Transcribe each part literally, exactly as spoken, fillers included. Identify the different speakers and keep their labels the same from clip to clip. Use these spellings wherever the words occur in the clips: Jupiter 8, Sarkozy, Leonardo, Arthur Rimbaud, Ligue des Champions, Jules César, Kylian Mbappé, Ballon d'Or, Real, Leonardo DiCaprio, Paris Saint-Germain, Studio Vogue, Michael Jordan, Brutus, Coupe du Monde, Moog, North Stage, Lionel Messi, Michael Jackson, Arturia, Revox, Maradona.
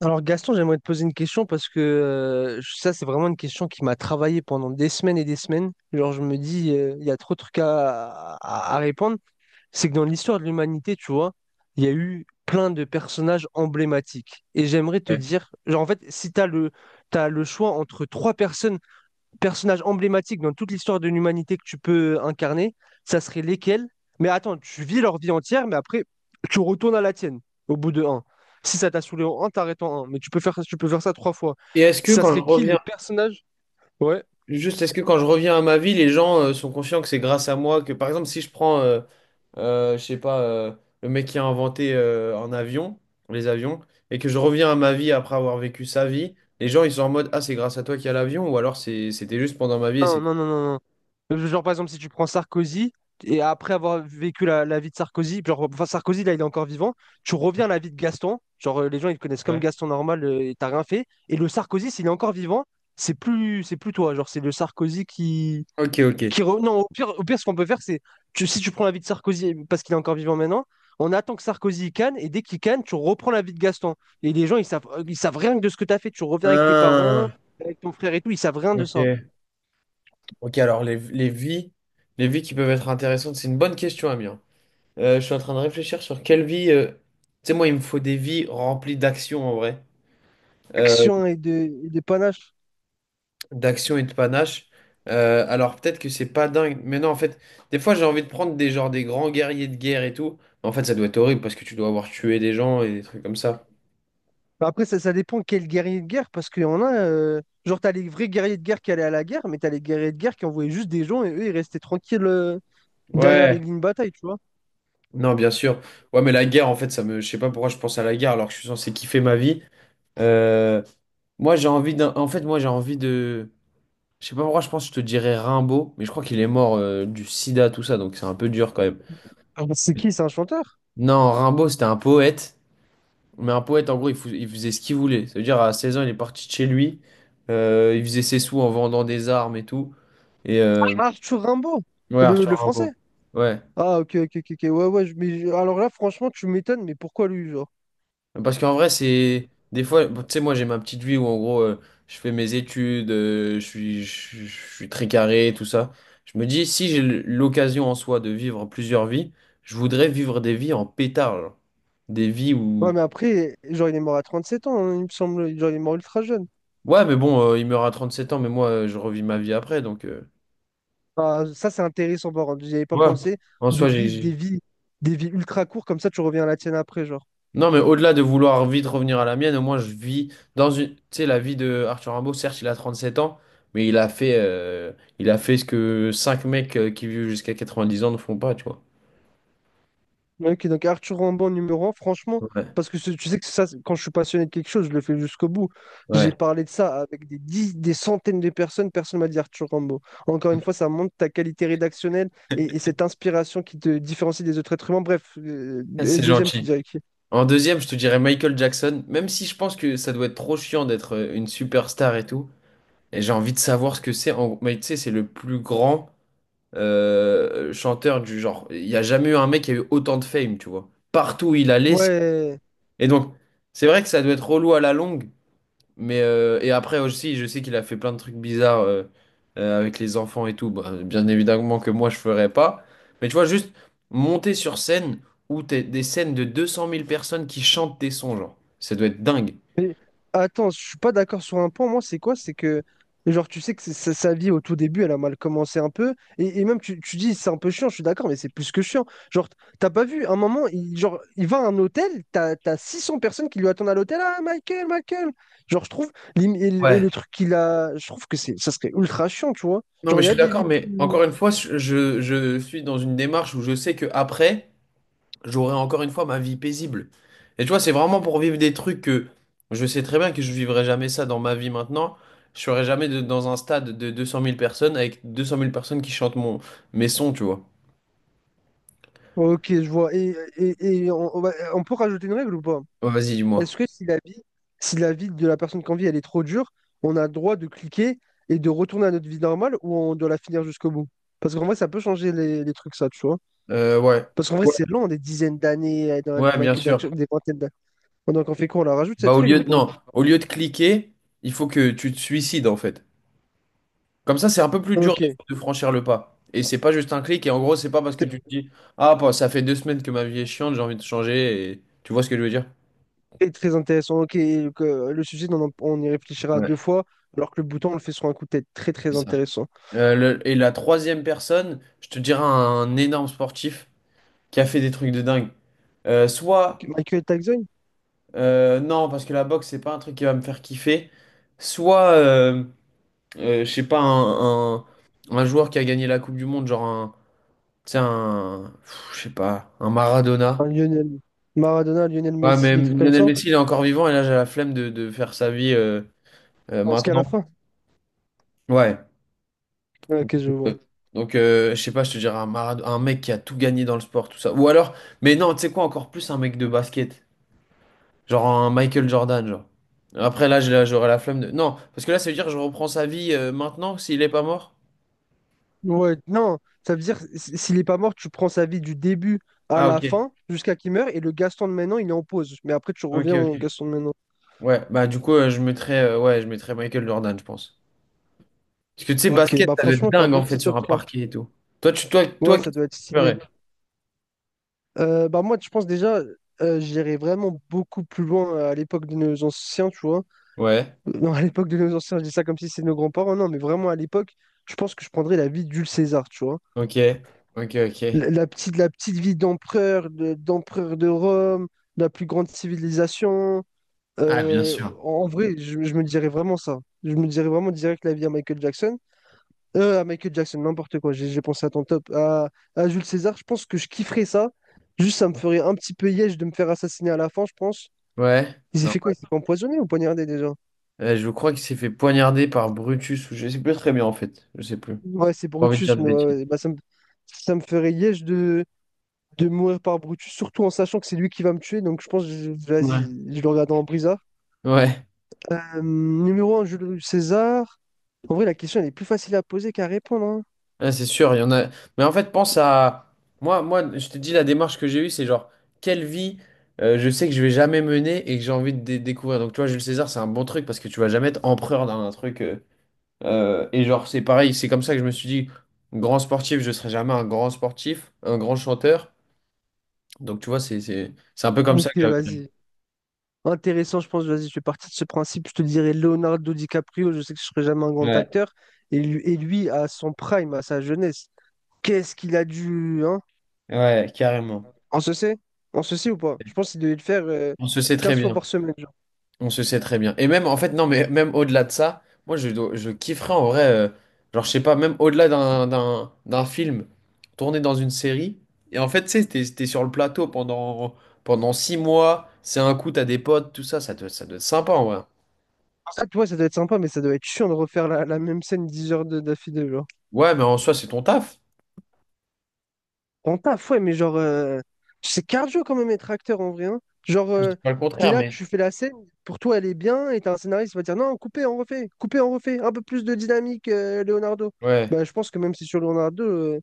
Speaker 1: Alors Gaston, j'aimerais te poser une question parce que euh, ça, c'est vraiment une question qui m'a travaillé pendant des semaines et des semaines. Genre, je me dis, euh, il y a trop de trucs à, à- à répondre. C'est que dans l'histoire de l'humanité, tu vois, il y a eu plein de personnages emblématiques. Et j'aimerais te
Speaker 2: Ouais.
Speaker 1: dire, genre, en fait, si tu as le, t'as le choix entre trois personnes personnages emblématiques dans toute l'histoire de l'humanité que tu peux incarner, ça serait lesquels? Mais attends, tu vis leur vie entière, mais après, tu retournes à la tienne au bout de un. Si ça t'a saoulé en un, t'arrêtes en un. Mais tu peux faire, ça, tu peux faire ça trois fois.
Speaker 2: Et est-ce que
Speaker 1: Ça
Speaker 2: quand je
Speaker 1: serait qui les
Speaker 2: reviens,
Speaker 1: personnages? Ouais.
Speaker 2: juste est-ce que quand je reviens à ma vie, les gens euh, sont conscients que c'est grâce à moi que, par exemple, si je prends, euh, euh, je sais pas, euh, le mec qui a inventé euh, un avion, les avions, et que je reviens à ma vie après avoir vécu sa vie, les gens ils sont en mode, ah, c'est grâce à toi qu'il y a l'avion, ou alors c'est, c'était juste pendant ma vie et
Speaker 1: Non,
Speaker 2: c'est.
Speaker 1: non, non, non. Euh, Genre, par exemple, si tu prends Sarkozy, et après avoir vécu la, la vie de Sarkozy, genre, enfin, Sarkozy, là, il est encore vivant, tu reviens à la vie de Gaston, genre, euh, les gens, ils te connaissent comme
Speaker 2: Ouais.
Speaker 1: Gaston normal, euh, et t'as rien fait. Et le Sarkozy, s'il est encore vivant, c'est plus, c'est plus toi, genre, c'est le Sarkozy qui,
Speaker 2: Ok, ok.
Speaker 1: qui re- Non, au pire, au pire, ce qu'on peut faire, c'est, tu- si tu prends la vie de Sarkozy, parce qu'il est encore vivant maintenant, on attend que Sarkozy il canne, et dès qu'il canne, tu reprends la vie de Gaston. Et les gens, ils savent, euh, ils savent rien de ce que t'as fait, tu reviens avec tes parents,
Speaker 2: Ah,
Speaker 1: avec ton frère et tout, ils savent rien de ça.
Speaker 2: ok. Ok, alors les, les vies, les vies qui peuvent être intéressantes, c'est une bonne question, Amir. Euh, je suis en train de réfléchir sur quelle vie. euh, Tu sais, moi, il me faut des vies remplies d'actions en vrai. euh,
Speaker 1: Action et de, et de panache.
Speaker 2: d'action et de panache. Euh, alors peut-être que c'est pas dingue, mais non, en fait, des fois j'ai envie de prendre des genres des grands guerriers de guerre et tout. Mais en fait, ça doit être horrible parce que tu dois avoir tué des gens et des trucs comme ça.
Speaker 1: Bah après, ça, ça dépend quel guerrier de guerre, parce qu'il y en a, euh, genre, t'as les vrais guerriers de guerre qui allaient à la guerre, mais t'as les guerriers de guerre qui envoyaient juste des gens et eux, ils restaient tranquilles euh, derrière les
Speaker 2: Ouais,
Speaker 1: lignes de bataille, tu vois.
Speaker 2: non, bien sûr. Ouais, mais la guerre, en fait, ça me, je sais pas pourquoi je pense à la guerre alors que je suis censé kiffer ma vie. Euh, Moi, j'ai envie d'un, en fait, moi, j'ai envie de, je sais pas pourquoi je pense, que je te dirais Rimbaud, mais je crois qu'il est mort euh, du sida, tout ça, donc c'est un peu dur quand même.
Speaker 1: Ah, c'est qui? C'est un chanteur?
Speaker 2: Non, Rimbaud, c'était un poète. Mais un poète, en gros, il, fou- il faisait ce qu'il voulait. Ça veut dire, à seize ans, il est parti de chez lui. Euh, il faisait ses sous en vendant des armes et tout. Et euh,
Speaker 1: Arthur Rimbaud,
Speaker 2: ouais,
Speaker 1: le,
Speaker 2: Arthur
Speaker 1: le
Speaker 2: Rimbaud.
Speaker 1: français.
Speaker 2: Ouais.
Speaker 1: Ah, ok, ok, ok, ok. Ouais, ouais, je- mais je- alors là, franchement, tu m'étonnes, mais pourquoi lui, genre?
Speaker 2: Parce qu'en vrai, c'est. Des fois, bon, tu sais, moi, j'ai ma petite vie où, en gros, euh, je fais mes études, euh, je suis, je, je je suis très carré, tout ça. Je me dis, si j'ai l'occasion en soi de vivre plusieurs vies, je voudrais vivre des vies en pétard. genre. Des vies
Speaker 1: Ouais,
Speaker 2: où.
Speaker 1: mais après, genre, il est mort à trente sept ans, hein, il me semble, genre, il est mort ultra jeune.
Speaker 2: Ouais, mais bon, euh, il meurt à trente-sept ans, mais moi, euh, je revis ma vie après, donc. euh,
Speaker 1: Ah, ça, c'est intéressant, par contre, j'y avais pas
Speaker 2: Ouais.
Speaker 1: pensé
Speaker 2: En
Speaker 1: de
Speaker 2: soi, j'ai.
Speaker 1: vivre des
Speaker 2: J'ai-
Speaker 1: vies, des vies ultra courtes, comme ça, tu reviens à la tienne après, genre.
Speaker 2: Non, mais au-delà de vouloir vite revenir à la mienne, au moins je vis dans une. Tu sais, la vie de Arthur Rimbaud, certes, il a trente-sept ans, mais il a fait, euh, il a fait ce que cinq mecs euh, qui vivent jusqu'à quatre-vingt-dix ans ne font pas, tu vois.
Speaker 1: Ok, donc Arthur Rimbaud numéro un franchement,
Speaker 2: Ouais,
Speaker 1: parce que ce- tu sais que ça, c'est- quand je suis passionné de quelque chose, je le fais jusqu'au bout. J'ai
Speaker 2: ouais.
Speaker 1: parlé de ça avec des dix- des centaines de personnes, personne m'a dit Arthur Rimbaud. Encore une fois, ça montre ta qualité rédactionnelle et, et cette inspiration qui te différencie des autres êtres humains. Bref, euh, et
Speaker 2: C'est
Speaker 1: deuxième, tu
Speaker 2: gentil.
Speaker 1: dirais qui?
Speaker 2: En deuxième, je te dirais Michael Jackson, même si je pense que ça doit être trop chiant d'être euh, une superstar et tout. Et j'ai envie de savoir ce que c'est. En... Mais tu sais, c'est le plus grand euh, chanteur du genre. Il n'y a jamais eu un mec qui a eu autant de fame, tu vois. Partout où il allait, c'est-
Speaker 1: Ouais,
Speaker 2: Et donc, c'est vrai que ça doit être relou à la longue, mais euh, et après aussi, je sais qu'il a fait plein de trucs bizarres euh, euh, avec les enfants et tout. Bah, bien évidemment que moi, je ferais pas. Mais tu vois, juste monter sur scène où t'es des scènes de deux cent mille personnes qui chantent tes sons, genre, ça doit être dingue.
Speaker 1: mais attends, je suis pas d'accord sur un point, moi, c'est quoi? C'est que, genre, tu sais que c'est- sa, sa vie au tout début, elle a mal commencé un peu. Et, et même, tu, tu dis, c'est un peu chiant, je suis d'accord, mais c'est plus que chiant. Genre, t'as pas vu, un moment, il, genre, il va à un hôtel, t'as, t'as six cents personnes qui lui attendent à l'hôtel. Ah, Michael, Michael! Genre, je trouve, l'im- et le, et
Speaker 2: Ouais.
Speaker 1: le truc qu'il a, je trouve que c'est, ça serait ultra chiant, tu vois.
Speaker 2: Non, mais
Speaker 1: Genre, il
Speaker 2: je
Speaker 1: y a
Speaker 2: suis
Speaker 1: des
Speaker 2: d'accord,
Speaker 1: vies
Speaker 2: mais
Speaker 1: plus.
Speaker 2: encore une fois, je, je je suis dans une démarche où je sais que après. J'aurais encore une fois ma vie paisible. Et tu vois, c'est vraiment pour vivre des trucs que je sais très bien que je vivrai jamais ça dans ma vie maintenant. Je serai jamais de- dans un stade de deux cent mille personnes avec deux cent mille personnes qui chantent mon, mes sons, tu vois.
Speaker 1: Ok, je vois. Et, et, et on, on va- on peut rajouter une règle ou pas?
Speaker 2: Ouais, vas-y, dis-moi.
Speaker 1: Est-ce que si la vie, si la vie de la personne qu'on vit, elle est trop dure, on a le droit de cliquer et de retourner à notre vie normale ou on doit la finir jusqu'au bout? Parce qu'en vrai, ça peut changer les, les trucs, ça, tu vois.
Speaker 2: Euh, ouais.
Speaker 1: Parce qu'en vrai,
Speaker 2: Ouais,
Speaker 1: c'est long, des dizaines d'années euh, dans la vie
Speaker 2: Ouais,
Speaker 1: de
Speaker 2: bien
Speaker 1: Michael
Speaker 2: sûr.
Speaker 1: Jackson, des vingtaines d'années. Donc, on fait quoi? On la rajoute,
Speaker 2: Bah,
Speaker 1: cette
Speaker 2: au
Speaker 1: règle
Speaker 2: lieu
Speaker 1: ou
Speaker 2: de,
Speaker 1: pas?
Speaker 2: non, au lieu de cliquer, il faut que tu te suicides, en fait. Comme ça, c'est un peu plus dur
Speaker 1: Ok,
Speaker 2: de, de, franchir le pas. Et c'est pas juste un clic. Et en gros, c'est pas parce que tu
Speaker 1: c'est
Speaker 2: te dis, ah, bah, ça fait deux semaines que ma vie est chiante, j'ai envie de changer. Et... Tu vois ce que je veux dire?
Speaker 1: très, très intéressant. Ok, donc, euh, le sujet, on, en- on y réfléchira
Speaker 2: Ouais.
Speaker 1: deux fois, alors que le bouton, on le fait sur un coup de tête. Très, très
Speaker 2: C'est ça.
Speaker 1: intéressant.
Speaker 2: Euh, le- et la troisième personne, je te dirais un énorme sportif qui a fait des trucs de dingue. Euh, soit,
Speaker 1: Michael Jackson,
Speaker 2: euh, non, parce que la boxe, c'est pas un truc qui va me faire kiffer. Soit, euh, euh, je sais pas, un, un, un joueur qui a gagné la Coupe du Monde, genre un, tu sais, un, pff, je sais pas, un
Speaker 1: un
Speaker 2: Maradona.
Speaker 1: Lionel, Maradona, Lionel
Speaker 2: Ouais,
Speaker 1: Messi,
Speaker 2: mais
Speaker 1: des trucs comme
Speaker 2: Lionel
Speaker 1: ça.
Speaker 2: Messi, il est encore vivant et là, j'ai la flemme de, de faire sa vie euh, euh,
Speaker 1: Jusqu'à la
Speaker 2: maintenant.
Speaker 1: fin.
Speaker 2: Ouais.
Speaker 1: Ok, je
Speaker 2: Euh,
Speaker 1: vois.
Speaker 2: Donc, euh, je sais pas, je te dirais un, Marad- un mec qui a tout gagné dans le sport, tout ça. Ou alors, mais non, tu sais quoi, encore plus un mec de basket. Genre un Michael Jordan, genre. Après, là, j'ai la- j'aurais la flemme de. Non, parce que là, ça veut dire que je reprends sa vie euh, maintenant s'il est pas mort.
Speaker 1: Ouais, non, ça veut dire s- s'il est pas mort, tu prends sa vie du début à
Speaker 2: Ah,
Speaker 1: la
Speaker 2: ok.
Speaker 1: fin jusqu'à qu'il meurt et le Gaston de maintenant il est en pause. Mais après tu
Speaker 2: Ok,
Speaker 1: reviens au
Speaker 2: ok.
Speaker 1: Gaston de maintenant.
Speaker 2: Ouais, bah, du coup, euh, je mettrais, euh, ouais, je mettrais Michael Jordan, je pense. Parce que tu sais,
Speaker 1: Ok,
Speaker 2: basket,
Speaker 1: bah
Speaker 2: ça doit être
Speaker 1: franchement, t'as un
Speaker 2: dingue,
Speaker 1: bon
Speaker 2: en fait,
Speaker 1: petit
Speaker 2: sur
Speaker 1: top
Speaker 2: un
Speaker 1: trois.
Speaker 2: parquet et tout. Toi, tu, toi, toi,
Speaker 1: Ouais, ça
Speaker 2: qu'est-ce que
Speaker 1: doit être
Speaker 2: tu
Speaker 1: stylé.
Speaker 2: ferais?
Speaker 1: Euh, bah moi, je pense déjà, euh, j'irais vraiment beaucoup plus loin à l'époque de nos anciens, tu vois.
Speaker 2: Ouais,
Speaker 1: Euh, Non, à l'époque de nos anciens, je dis ça comme si c'était nos grands-parents, non, mais vraiment à l'époque, je pense que je prendrais la vie d'Jules César, tu vois.
Speaker 2: ok. Ok, ok.
Speaker 1: La, la petite, la petite vie d'empereur, de- d'empereur de Rome, la plus grande civilisation.
Speaker 2: Ah, bien
Speaker 1: Euh,
Speaker 2: sûr.
Speaker 1: en vrai, je, je me dirais vraiment ça. Je me dirais vraiment direct la vie à Michael Jackson. Euh, à Michael Jackson, n'importe quoi. J'ai j'ai pensé à ton top. À, à Jules César, je pense que je kifferais ça. Juste, ça me ferait un petit peu yèche de me faire assassiner à la fin, je pense.
Speaker 2: Ouais.
Speaker 1: Il s'est
Speaker 2: non.
Speaker 1: fait quoi? Il s'est fait empoisonner ou poignarder déjà?
Speaker 2: Euh, je crois qu'il s'est fait poignarder par Brutus ou je sais plus très bien en fait. Je sais plus.
Speaker 1: Ouais, c'est
Speaker 2: Pas envie de dire
Speaker 1: Brutus,
Speaker 2: de
Speaker 1: mais ouais,
Speaker 2: bêtises.
Speaker 1: ouais, bah, ça me, ça me ferait yèche de, de mourir par Brutus, surtout en sachant que c'est lui qui va me tuer. Donc, je pense que je,
Speaker 2: Ouais.
Speaker 1: vas-y, je le regarde en brisard.
Speaker 2: Ouais,
Speaker 1: Euh, numéro un, Jules César. En vrai, la question, elle est plus facile à poser qu'à répondre, hein.
Speaker 2: Ouais, c'est sûr, il y en a. Mais en fait, pense à. Moi, moi, je te dis la démarche que j'ai eue, c'est genre, quelle vie euh, je sais que je vais jamais mener et que j'ai envie de dé- découvrir. Donc, tu vois, Jules César, c'est un bon truc parce que tu vas jamais être empereur d'un truc. euh, euh, et genre, c'est pareil, c'est comme ça que je me suis dit, grand sportif, je serai jamais un grand sportif, un grand chanteur. Donc, tu vois, c'est, c'est, c'est un peu comme ça que
Speaker 1: Ok,
Speaker 2: j'avais.
Speaker 1: vas-y. Intéressant, je pense. Vas-y, je fais partie de ce principe. Je te dirais Leonardo DiCaprio. Je sais que je serai jamais un grand
Speaker 2: Ouais,
Speaker 1: acteur. Et lui, et lui, à son prime, à sa jeunesse, qu'est-ce qu'il a dû. Hein?
Speaker 2: ouais, carrément.
Speaker 1: On se sait? On se sait ou pas? Je pense qu'il devait le faire euh,
Speaker 2: On se sait très
Speaker 1: quinze fois
Speaker 2: bien.
Speaker 1: par semaine. Genre.
Speaker 2: On se sait très bien. Et même, en fait, non, mais même au-delà de ça, moi, je, dois- je kifferais en vrai, euh, genre, je sais pas, même au-delà d'un, d'un, d'un film tourné dans une série. Et en fait, tu sais, t'es, t'es sur le plateau pendant, pendant six mois, c'est un coup, t'as des potes, tout ça, ça doit, ça doit être sympa en vrai.
Speaker 1: En fait, ouais, ça doit être sympa, mais ça doit être chiant de refaire la, la même scène dix heures de- d'affilée, genre.
Speaker 2: Ouais, mais en soi, c'est ton taf.
Speaker 1: Ton taf, ouais, mais genre, euh, c'est cardio quand même être acteur en vrai, hein. Genre,
Speaker 2: Je
Speaker 1: euh,
Speaker 2: dis pas le
Speaker 1: t'es
Speaker 2: contraire,
Speaker 1: là,
Speaker 2: mais.
Speaker 1: tu fais la scène, pour toi elle est bien, et t'as un scénariste qui va dire non, coupez, on refait, coupez, on refait, un peu plus de dynamique, euh, Leonardo.
Speaker 2: Ouais.
Speaker 1: Bah, je pense que même si sur Leonardo, euh,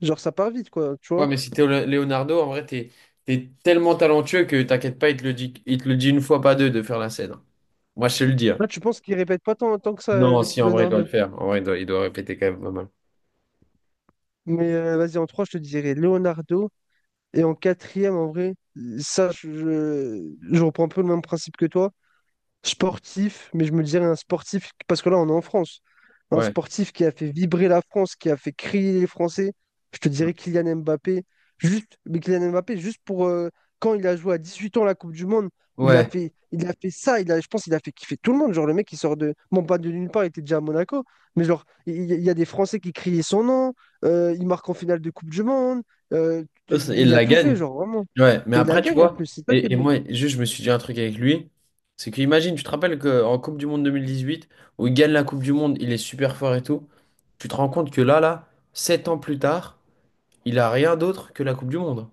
Speaker 1: genre, ça part vite, quoi, tu
Speaker 2: Ouais,
Speaker 1: vois.
Speaker 2: mais si t'es Lé- Leonardo, en vrai, t'es, t'es tellement talentueux que t'inquiète pas, il te le dit, il te le dit une fois, pas deux, de faire la scène. Moi, je sais le dire.
Speaker 1: Là, tu penses qu'il répète pas tant, tant que ça, euh,
Speaker 2: Non,
Speaker 1: le
Speaker 2: si,
Speaker 1: petit
Speaker 2: en vrai, il doit le
Speaker 1: Leonardo.
Speaker 2: faire. En vrai, il doit, il doit répéter quand même pas mal.
Speaker 1: Mais euh, vas-y, en trois, je te dirais Leonardo, et en quatrième, en vrai, ça, je, je, je reprends un peu le même principe que toi. Sportif, mais je me dirais un sportif, parce que là, on est en France. Un
Speaker 2: Ouais,
Speaker 1: sportif qui a fait vibrer la France, qui a fait crier les Français. Je te dirais Kylian Mbappé. Juste, mais Kylian Mbappé, juste pour euh, quand il a joué à dix-huit ans la Coupe du Monde, il a
Speaker 2: ouais,
Speaker 1: fait, il a fait ça. Il a, je pense qu'il a fait kiffer tout le monde. Genre, le mec, il sort de. Bon, pas de nulle part, il était déjà à Monaco. Mais genre, il il y, a des Français qui criaient son nom. Euh, il marque en finale de Coupe du Monde. euh,
Speaker 2: Eux, c'est- Ils
Speaker 1: il a
Speaker 2: la
Speaker 1: tout fait,
Speaker 2: gagne.
Speaker 1: genre, vraiment.
Speaker 2: ouais. Mais
Speaker 1: Et il la
Speaker 2: après, tu
Speaker 1: gagne en
Speaker 2: vois,
Speaker 1: plus. C'est ça qui est
Speaker 2: et, et
Speaker 1: bon.
Speaker 2: moi, juste, je me suis dit un truc avec lui, c'est que imagine, tu te rappelles qu'en Coupe du Monde deux mille dix-huit, où il gagne la Coupe du Monde, il est super fort et tout, tu te rends compte que là, là, sept ans plus tard, il a rien d'autre que la Coupe du Monde.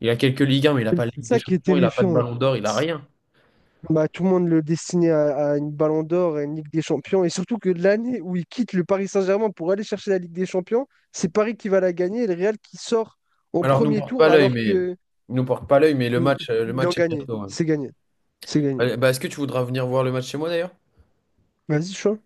Speaker 2: Il a quelques Ligue un, mais il a pas de
Speaker 1: C'est
Speaker 2: Ligue des
Speaker 1: ça qui est
Speaker 2: Champions, il a pas de
Speaker 1: terrifiant.
Speaker 2: Ballon d'Or, il a rien.
Speaker 1: Bah, tout le monde le destinait à, à une Ballon d'Or et une Ligue des Champions. Et surtout que l'année où il quitte le Paris Saint-Germain pour aller chercher la Ligue des Champions, c'est Paris qui va la gagner et le Real qui sort au
Speaker 2: Alors, nous
Speaker 1: premier
Speaker 2: porte pas
Speaker 1: tour
Speaker 2: l'œil,
Speaker 1: alors
Speaker 2: mais
Speaker 1: que
Speaker 2: nous porte pas l'œil, mais le
Speaker 1: mm,
Speaker 2: match, euh, le
Speaker 1: il en
Speaker 2: match est
Speaker 1: gagnait.
Speaker 2: bientôt. ouais.
Speaker 1: C'est gagné. C'est gagné.
Speaker 2: Allez, bah, est-ce que tu voudras venir voir le match chez moi d'ailleurs?
Speaker 1: Vas-y, chaud.